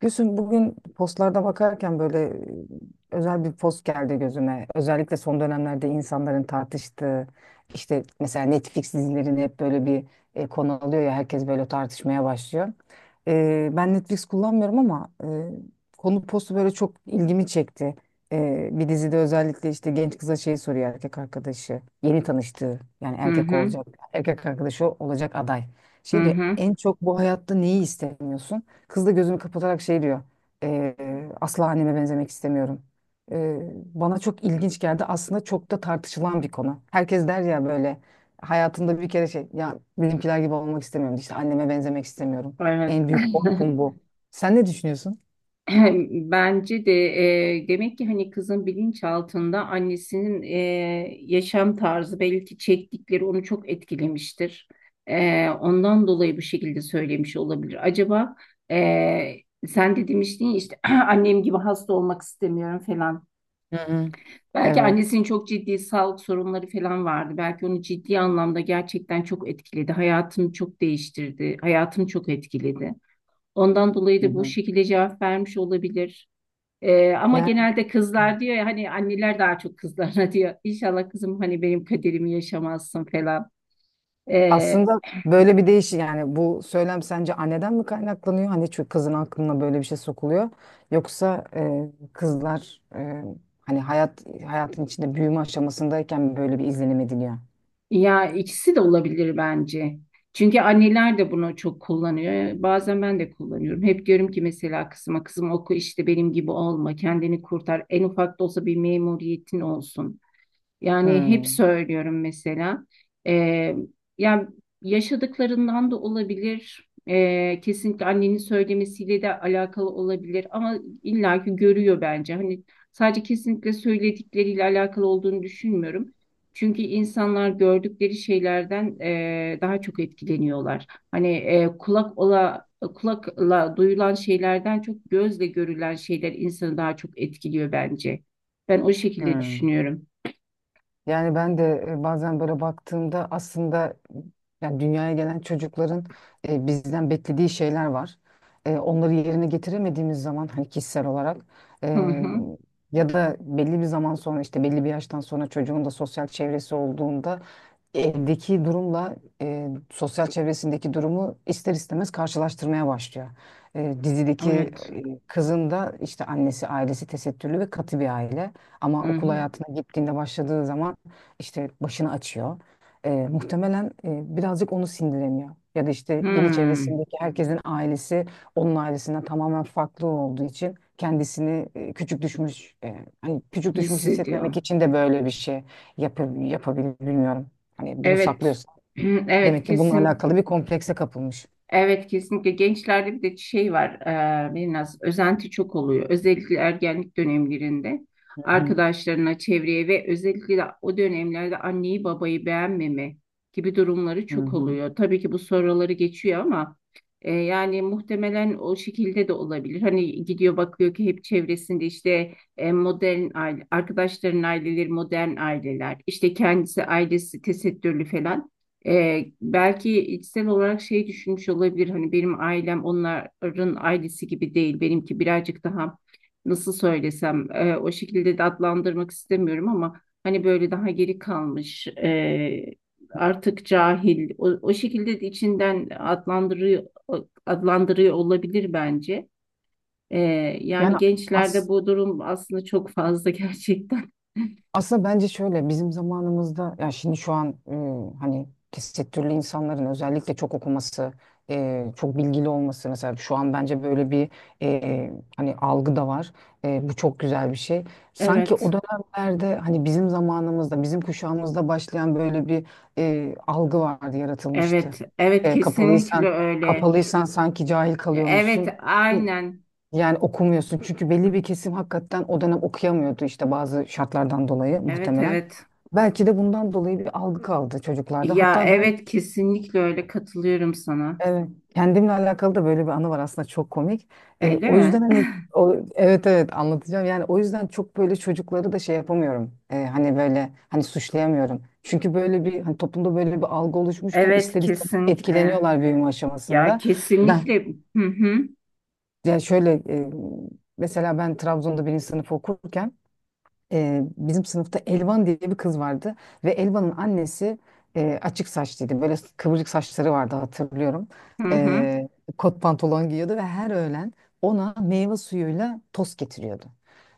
Gülsüm, bugün postlarda bakarken böyle özel bir post geldi gözüme. Özellikle son dönemlerde insanların tartıştığı işte mesela Netflix dizilerini hep böyle bir konu alıyor ya, herkes böyle tartışmaya başlıyor. Ben Netflix kullanmıyorum ama konu postu böyle çok ilgimi çekti. Bir dizide özellikle işte genç kıza şey soruyor, erkek arkadaşı yeni tanıştığı, yani Hı erkek hı, olacak erkek arkadaşı olacak aday. Şey hı diyor: hı. en çok bu hayatta neyi istemiyorsun? Kız da gözünü kapatarak şey diyor: "Ee, Asla anneme benzemek istemiyorum." Bana çok ilginç geldi. Aslında çok da tartışılan bir konu. Herkes der ya, böyle hayatında bir kere şey, ya benimkiler gibi olmak istemiyorum. İşte anneme benzemek istemiyorum. Evet. En büyük korkum bu. Sen ne düşünüyorsun? Bence de demek ki hani kızın bilinçaltında annesinin yaşam tarzı belki çektikleri onu çok etkilemiştir. Ondan dolayı bu şekilde söylemiş olabilir. Acaba e, sen de demiştin ya işte annem gibi hasta olmak istemiyorum falan. Hı hı. Belki Evet. annesinin çok ciddi sağlık sorunları falan vardı. Belki onu ciddi anlamda gerçekten çok etkiledi. Hayatını çok değiştirdi. Hayatını çok etkiledi. Ondan dolayı Hı da bu hı. şekilde cevap vermiş olabilir. Ama Yani, genelde kızlar diyor ya hani anneler daha çok kızlarına diyor. İnşallah kızım hani benim kaderimi yaşamazsın falan. Ee, aslında böyle bir yani bu söylem sence anneden mi kaynaklanıyor? Hani çünkü kızın aklına böyle bir şey sokuluyor. Yoksa kızlar hani hayatın içinde büyüme aşamasındayken mi böyle bir izlenim ediliyor? Ya ikisi de olabilir bence. Çünkü anneler de bunu çok kullanıyor. Bazen ben de kullanıyorum. Hep diyorum ki mesela kızıma kızım oku işte benim gibi olma, kendini kurtar. En ufak da olsa bir memuriyetin olsun. Yani hep Hmm. söylüyorum mesela. Ee, Yani yaşadıklarından da olabilir. Kesinlikle annenin söylemesiyle de alakalı olabilir. Ama illaki görüyor bence. Hani sadece kesinlikle söyledikleriyle alakalı olduğunu düşünmüyorum. Çünkü insanlar gördükleri şeylerden daha çok etkileniyorlar. Hani kulakla duyulan şeylerden çok gözle görülen şeyler insanı daha çok etkiliyor bence. Ben o şekilde Hmm. düşünüyorum. Yani ben de bazen böyle baktığımda aslında, yani dünyaya gelen çocukların bizden beklediği şeyler var. Onları yerine getiremediğimiz zaman hani kişisel olarak, Hı e, hı. ya da belli bir zaman sonra işte belli bir yaştan sonra çocuğun da sosyal çevresi olduğunda, evdeki durumla sosyal çevresindeki durumu ister istemez karşılaştırmaya başlıyor. Dizideki Evet. kızın da işte annesi, ailesi tesettürlü ve katı bir aile. Ama Hı okul hı. hayatına gittiğinde, başladığı zaman işte başını açıyor. Muhtemelen birazcık onu sindiremiyor. Ya da işte yeni Hmm. çevresindeki herkesin ailesi onun ailesinden tamamen farklı olduğu için kendisini küçük düşmüş Hissediyor. hissetmemek için de böyle bir şey yapabilir, bilmiyorum. Hani bunu Evet. saklıyorsun. Evet Demek ki bununla kesin. alakalı bir komplekse kapılmış. Evet kesinlikle gençlerde bir de şey var biraz özenti çok oluyor özellikle ergenlik dönemlerinde Hı hı. arkadaşlarına çevreye ve özellikle de o dönemlerde anneyi babayı beğenmeme gibi durumları Hı çok hı. oluyor. Tabii ki bu soruları geçiyor ama yani muhtemelen o şekilde de olabilir. Hani gidiyor bakıyor ki hep çevresinde işte modern aile arkadaşların aileleri modern aileler işte kendisi ailesi tesettürlü falan. Belki içsel olarak şey düşünmüş olabilir hani benim ailem onların ailesi gibi değil benimki birazcık daha nasıl söylesem o şekilde de adlandırmak istemiyorum ama hani böyle daha geri kalmış artık cahil o şekilde de içinden adlandırıyor olabilir bence. Ee, Yani Yani, gençlerde as bu durum aslında çok fazla gerçekten. aslında bence şöyle: bizim zamanımızda, ya şimdi şu an, hani tesettürlü insanların özellikle çok okuması, çok bilgili olması, mesela şu an bence böyle bir e, hani algı da var. Bu çok güzel bir şey. Sanki Evet, o dönemlerde, hani bizim zamanımızda, bizim kuşağımızda başlayan böyle bir algı vardı, yaratılmıştı. evet, evet E, kesinlikle kapalıysan öyle. kapalıysan sanki cahil Evet, kalıyormuşsun. aynen. Yani okumuyorsun, çünkü belli bir kesim hakikaten o dönem okuyamıyordu işte, bazı şartlardan dolayı Evet, muhtemelen. evet. Belki de bundan dolayı bir algı kaldı çocuklarda. Ya Hatta ben, evet kesinlikle öyle katılıyorum sana. evet, kendimle alakalı da böyle bir anı var aslında, çok komik. Öyle O yüzden mi? hani, evet, evet, anlatacağım. Yani o yüzden çok böyle çocukları da şey yapamıyorum. Hani böyle, hani suçlayamıyorum. Çünkü böyle bir, hani toplumda böyle bir algı oluşmuşken Evet, ister istemez kesinlikle. etkileniyorlar büyüme Ya aşamasında. Ben kesinlikle. Hı hı, Yani şöyle, mesela ben Trabzon'da birinci sınıf okurken, bizim sınıfta Elvan diye bir kız vardı ve Elvan'ın annesi açık saçlıydı. Böyle kıvırcık saçları vardı, hatırlıyorum. hı hı, E, Kot pantolon giyiyordu ve her öğlen ona meyve suyuyla tost getiriyordu.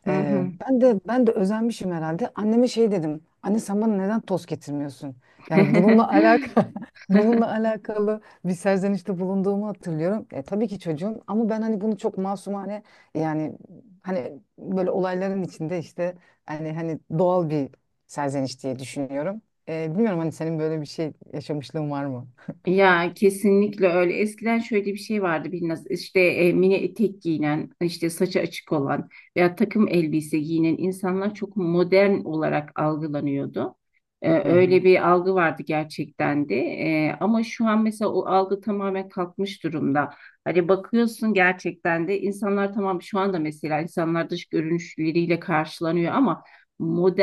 hı E, hı. ben de ben de özenmişim herhalde. Anneme şey dedim: Anne, sen bana neden tost getirmiyorsun? Yani bununla alakalı bununla alakalı bir serzenişte bulunduğumu hatırlıyorum. Tabii ki çocuğum, ama ben hani bunu çok masumane, yani hani böyle olayların içinde işte, yani hani doğal bir serzeniş diye düşünüyorum. Bilmiyorum hani, senin böyle bir şey yaşamışlığın var mı? Ya kesinlikle öyle. Eskiden şöyle bir şey vardı biraz işte mini etek giyinen, işte saçı açık olan veya takım elbise giyinen insanlar çok modern olarak algılanıyordu. Hı hı. Öyle bir algı vardı gerçekten de. Ama şu an mesela o algı tamamen kalkmış durumda. Hani bakıyorsun gerçekten de insanlar tamam şu anda mesela insanlar dış görünüşleriyle karşılanıyor ama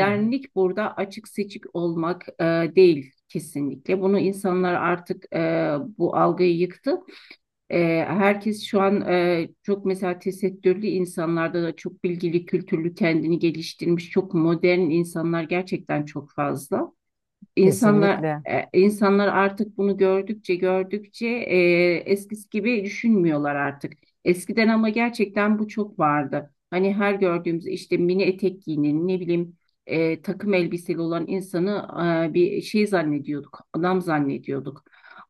Hı hı. burada açık seçik olmak değil kesinlikle. Bunu insanlar artık bu algıyı yıktı. Herkes şu an çok mesela tesettürlü insanlarda da çok bilgili, kültürlü, kendini geliştirmiş, çok modern insanlar gerçekten çok fazla. İnsanlar Kesinlikle. e, insanlar artık bunu gördükçe gördükçe eskisi gibi düşünmüyorlar artık. Eskiden ama gerçekten bu çok vardı. Hani her gördüğümüz işte mini etek giyinen ne bileyim takım elbiseli olan insanı bir şey zannediyorduk, adam zannediyorduk.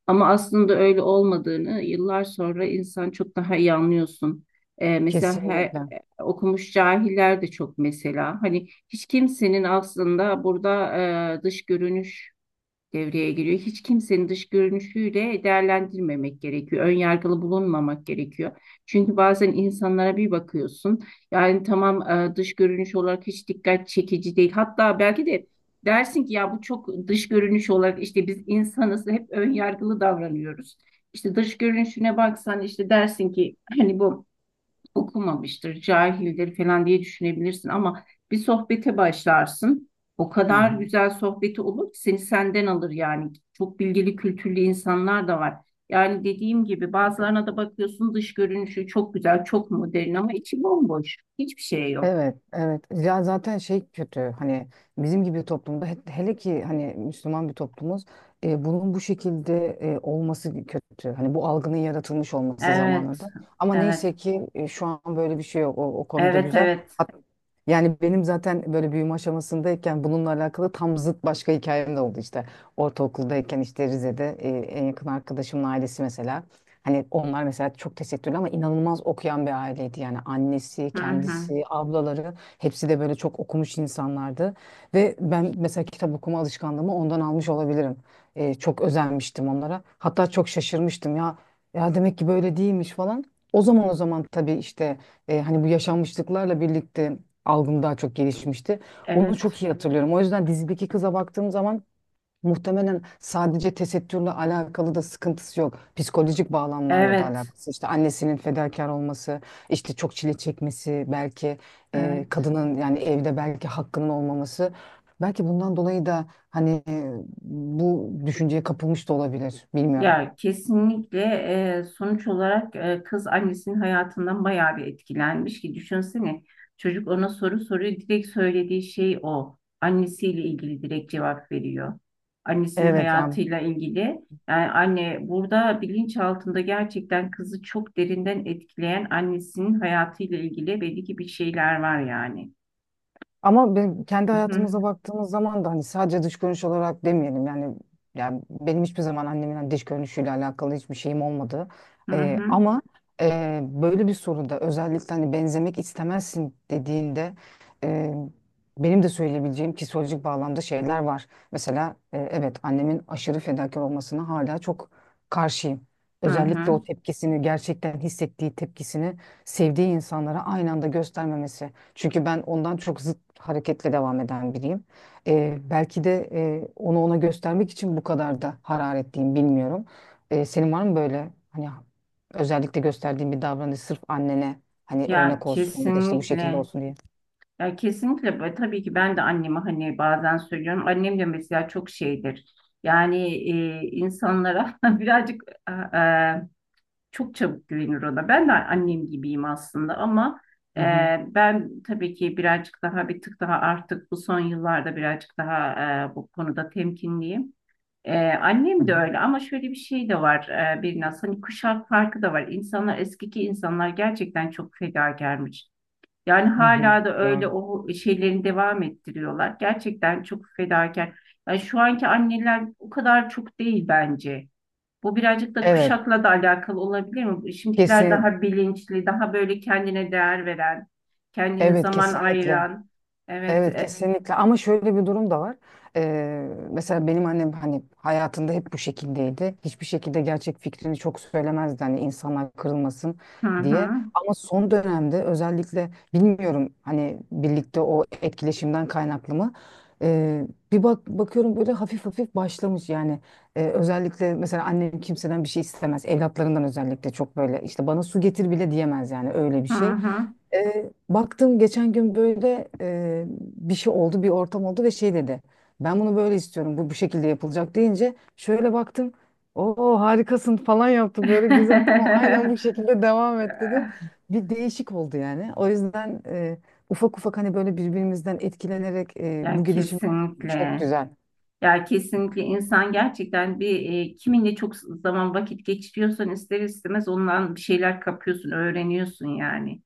Ama aslında öyle olmadığını yıllar sonra insan çok daha iyi anlıyorsun. Mesela Kesinlikle. Okumuş cahiller de çok mesela. Hani hiç kimsenin aslında burada dış görünüş devreye giriyor. Hiç kimsenin dış görünüşüyle değerlendirmemek gerekiyor. Ön yargılı bulunmamak gerekiyor. Çünkü bazen insanlara bir bakıyorsun. Yani tamam dış görünüş olarak hiç dikkat çekici değil. Hatta belki de dersin ki ya bu çok dış görünüş olarak işte biz insanız hep ön yargılı davranıyoruz. İşte dış görünüşüne baksan işte dersin ki hani bu okumamıştır, cahildir falan diye düşünebilirsin ama bir sohbete başlarsın. O Hı kadar hı. güzel sohbeti olur ki seni senden alır yani. Çok bilgili, kültürlü insanlar da var. Yani dediğim gibi bazılarına da bakıyorsun dış görünüşü çok güzel, çok modern ama içi bomboş. Hiçbir şey yok. Evet, evet. Ya zaten şey kötü, hani bizim gibi bir toplumda, hele ki hani Müslüman bir toplumuz, bunun bu şekilde olması kötü. Hani bu algının yaratılmış olması, Evet, zamanında. Ama evet, neyse ki şu an böyle bir şey yok. O konuda evet, güzel. evet. Hat- Yani benim zaten böyle büyüme aşamasındayken bununla alakalı tam zıt başka hikayem de oldu işte. Ortaokuldayken işte Rize'de, en yakın arkadaşımın ailesi mesela. Hani onlar mesela çok tesettürlü ama inanılmaz okuyan bir aileydi. Yani annesi, Hı hı. kendisi, ablaları hepsi de böyle çok okumuş insanlardı. Ve ben mesela kitap okuma alışkanlığımı ondan almış olabilirim. Çok özenmiştim onlara. Hatta çok şaşırmıştım ya. Ya demek ki böyle değilmiş falan. O zaman tabii işte, hani bu yaşanmışlıklarla birlikte algım daha çok gelişmişti. Onu Evet, çok iyi hatırlıyorum. O yüzden dizideki kıza baktığım zaman muhtemelen sadece tesettürle alakalı da sıkıntısı yok. Psikolojik bağlamlarla da evet, alakası. İşte annesinin fedakar olması, işte çok çile çekmesi, belki evet. kadının, yani evde belki hakkının olmaması. Belki bundan dolayı da hani bu düşünceye kapılmış da olabilir. Bilmiyorum. Ya kesinlikle sonuç olarak kız annesinin hayatından bayağı bir etkilenmiş ki düşünsene çocuk ona soru soruyor direkt söylediği şey o annesiyle ilgili direkt cevap veriyor annesinin Evet, yani, hayatıyla ilgili yani anne burada bilinç altında gerçekten kızı çok derinden etkileyen annesinin hayatıyla ilgili belli ki bir şeyler var yani. ama kendi Hı hı hayatımıza baktığımız zaman da hani sadece dış görünüş olarak demeyelim, yani yani benim hiçbir zaman annemin hani dış görünüşüyle alakalı hiçbir şeyim olmadı. hı hı. Ama böyle bir soruda, özellikle hani benzemek istemezsin dediğinde, e, benim de söyleyebileceğim psikolojik bağlamda şeyler var. Mesela, evet, annemin aşırı fedakar olmasına hala çok karşıyım. Hı Özellikle hı. o tepkisini, gerçekten hissettiği tepkisini sevdiği insanlara aynı anda göstermemesi. Çünkü ben ondan çok zıt hareketle devam eden biriyim. Belki de onu ona göstermek için bu kadar da hararetliyim, bilmiyorum. Senin var mı böyle, hani özellikle gösterdiğin bir davranış, sırf annene hani Ya örnek olsun ya da işte bu şekilde kesinlikle. olsun diye? Ya kesinlikle ve tabii ki ben de anneme hani bazen söylüyorum. Annem de mesela çok şeydir. Yani insanlara birazcık e, e, çok çabuk güvenir ona. Ben de annem gibiyim aslında ama Hı e, hı. ben tabii ki birazcık daha bir tık daha artık bu son yıllarda birazcık daha bu konuda temkinliyim. Hı Annem de hı. öyle ama şöyle bir şey de var biraz hani kuşak farkı da var. Eskiki insanlar gerçekten çok fedakarmış. Yani Hı hı. hala da öyle Doğru. o şeylerini devam ettiriyorlar. Gerçekten çok fedakar. Yani şu anki anneler o kadar çok değil bence. Bu birazcık da Evet, kuşakla da alakalı olabilir mi? Şimdikiler kesin, daha bilinçli, daha böyle kendine değer veren, kendine evet, zaman kesinlikle. ayıran. Evet. Evet, kesinlikle, ama şöyle bir durum da var. Mesela benim annem hani hayatında hep bu şekildeydi. Hiçbir şekilde gerçek fikrini çok söylemezdi, hani insanlar kırılmasın Hı diye. hı. Ama son dönemde özellikle, bilmiyorum, hani birlikte o etkileşimden kaynaklı mı? Ee, Bir bakıyorum, böyle hafif hafif başlamış yani. Özellikle mesela annem kimseden bir şey istemez. Evlatlarından özellikle çok böyle, işte bana su getir bile diyemez yani, öyle bir Hı şey. hı. Baktım geçen gün böyle, bir şey oldu, bir ortam oldu ve şey dedi. Ben bunu böyle istiyorum, bu şekilde yapılacak deyince şöyle baktım. Oo, harikasın falan yaptı, böyle güzel, tamam, aynen bu şekilde devam et dedi. Bir değişik oldu yani. O yüzden ufak ufak hani böyle birbirimizden etkilenerek bu Ya gelişim çok kesinlikle. güzel. Ya kesinlikle insan gerçekten bir kiminle çok zaman vakit geçiriyorsan ister istemez ondan bir şeyler kapıyorsun, öğreniyorsun yani.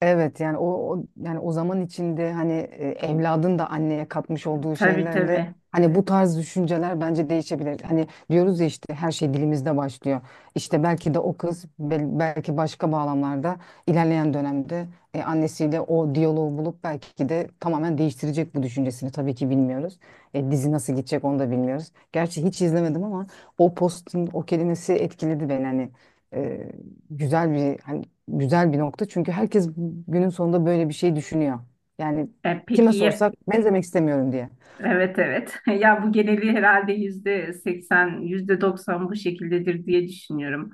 Evet, yani o, yani o zaman içinde hani evladın da anneye katmış olduğu Tabii şeylerle, tabii. hani bu tarz düşünceler bence değişebilir. Hani diyoruz ya, işte her şey dilimizde başlıyor. İşte belki de o kız, belki başka bağlamlarda, ilerleyen dönemde annesiyle o diyaloğu bulup belki de tamamen değiştirecek bu düşüncesini. Tabii ki bilmiyoruz. Dizi nasıl gidecek onu da bilmiyoruz. Gerçi hiç izlemedim ama o postun o kelimesi etkiledi beni, hani e, güzel bir hani güzel bir nokta. Çünkü herkes günün sonunda böyle bir şey düşünüyor. Yani E, kime peki ya- sorsak benzemek istemiyorum diye. evet, evet. Ya bu geneli herhalde %80, yüzde doksan bu şekildedir diye düşünüyorum.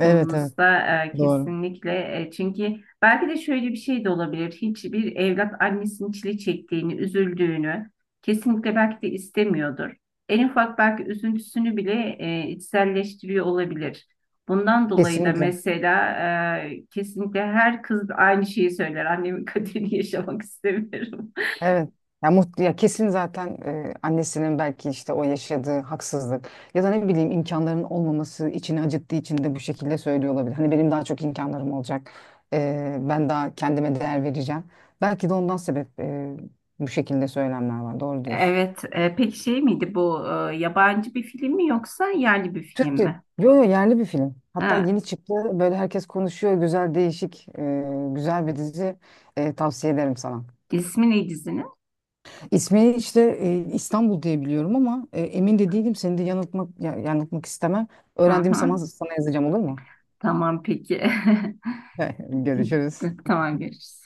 Evet, evet, doğru. kesinlikle çünkü belki de şöyle bir şey de olabilir. Hiçbir evlat annesinin çile çektiğini, üzüldüğünü kesinlikle belki de istemiyordur. En ufak belki üzüntüsünü bile içselleştiriyor olabilir. Bundan dolayı da Kesinlikle. mesela kesinlikle her kız aynı şeyi söyler. Annemin kaderini yaşamak istemiyorum. Evet. Ya, kesin zaten, annesinin belki işte o yaşadığı haksızlık ya da ne bileyim imkanların olmaması içini acıttığı için de bu şekilde söylüyor olabilir. Hani benim daha çok imkanlarım olacak. Ben daha kendime değer vereceğim. Belki de ondan sebep, bu şekilde söylemler var. Doğru diyorsun. Evet, peki şey miydi bu yabancı bir film mi yoksa yerli bir film Türk değil. mi? Yo, yo, yerli bir film. Hatta Ha, yeni çıktı. Böyle herkes konuşuyor. Güzel, değişik, güzel bir dizi. Tavsiye ederim sana. ismi ne dizinin? İsmi işte İstanbul diye biliyorum ama emin de değilim. Seni de yanıltmak istemem. Hı Öğrendiğim hı. zaman sana yazacağım, olur mu? Tamam peki. Görüşürüz. Tamam görüşürüz.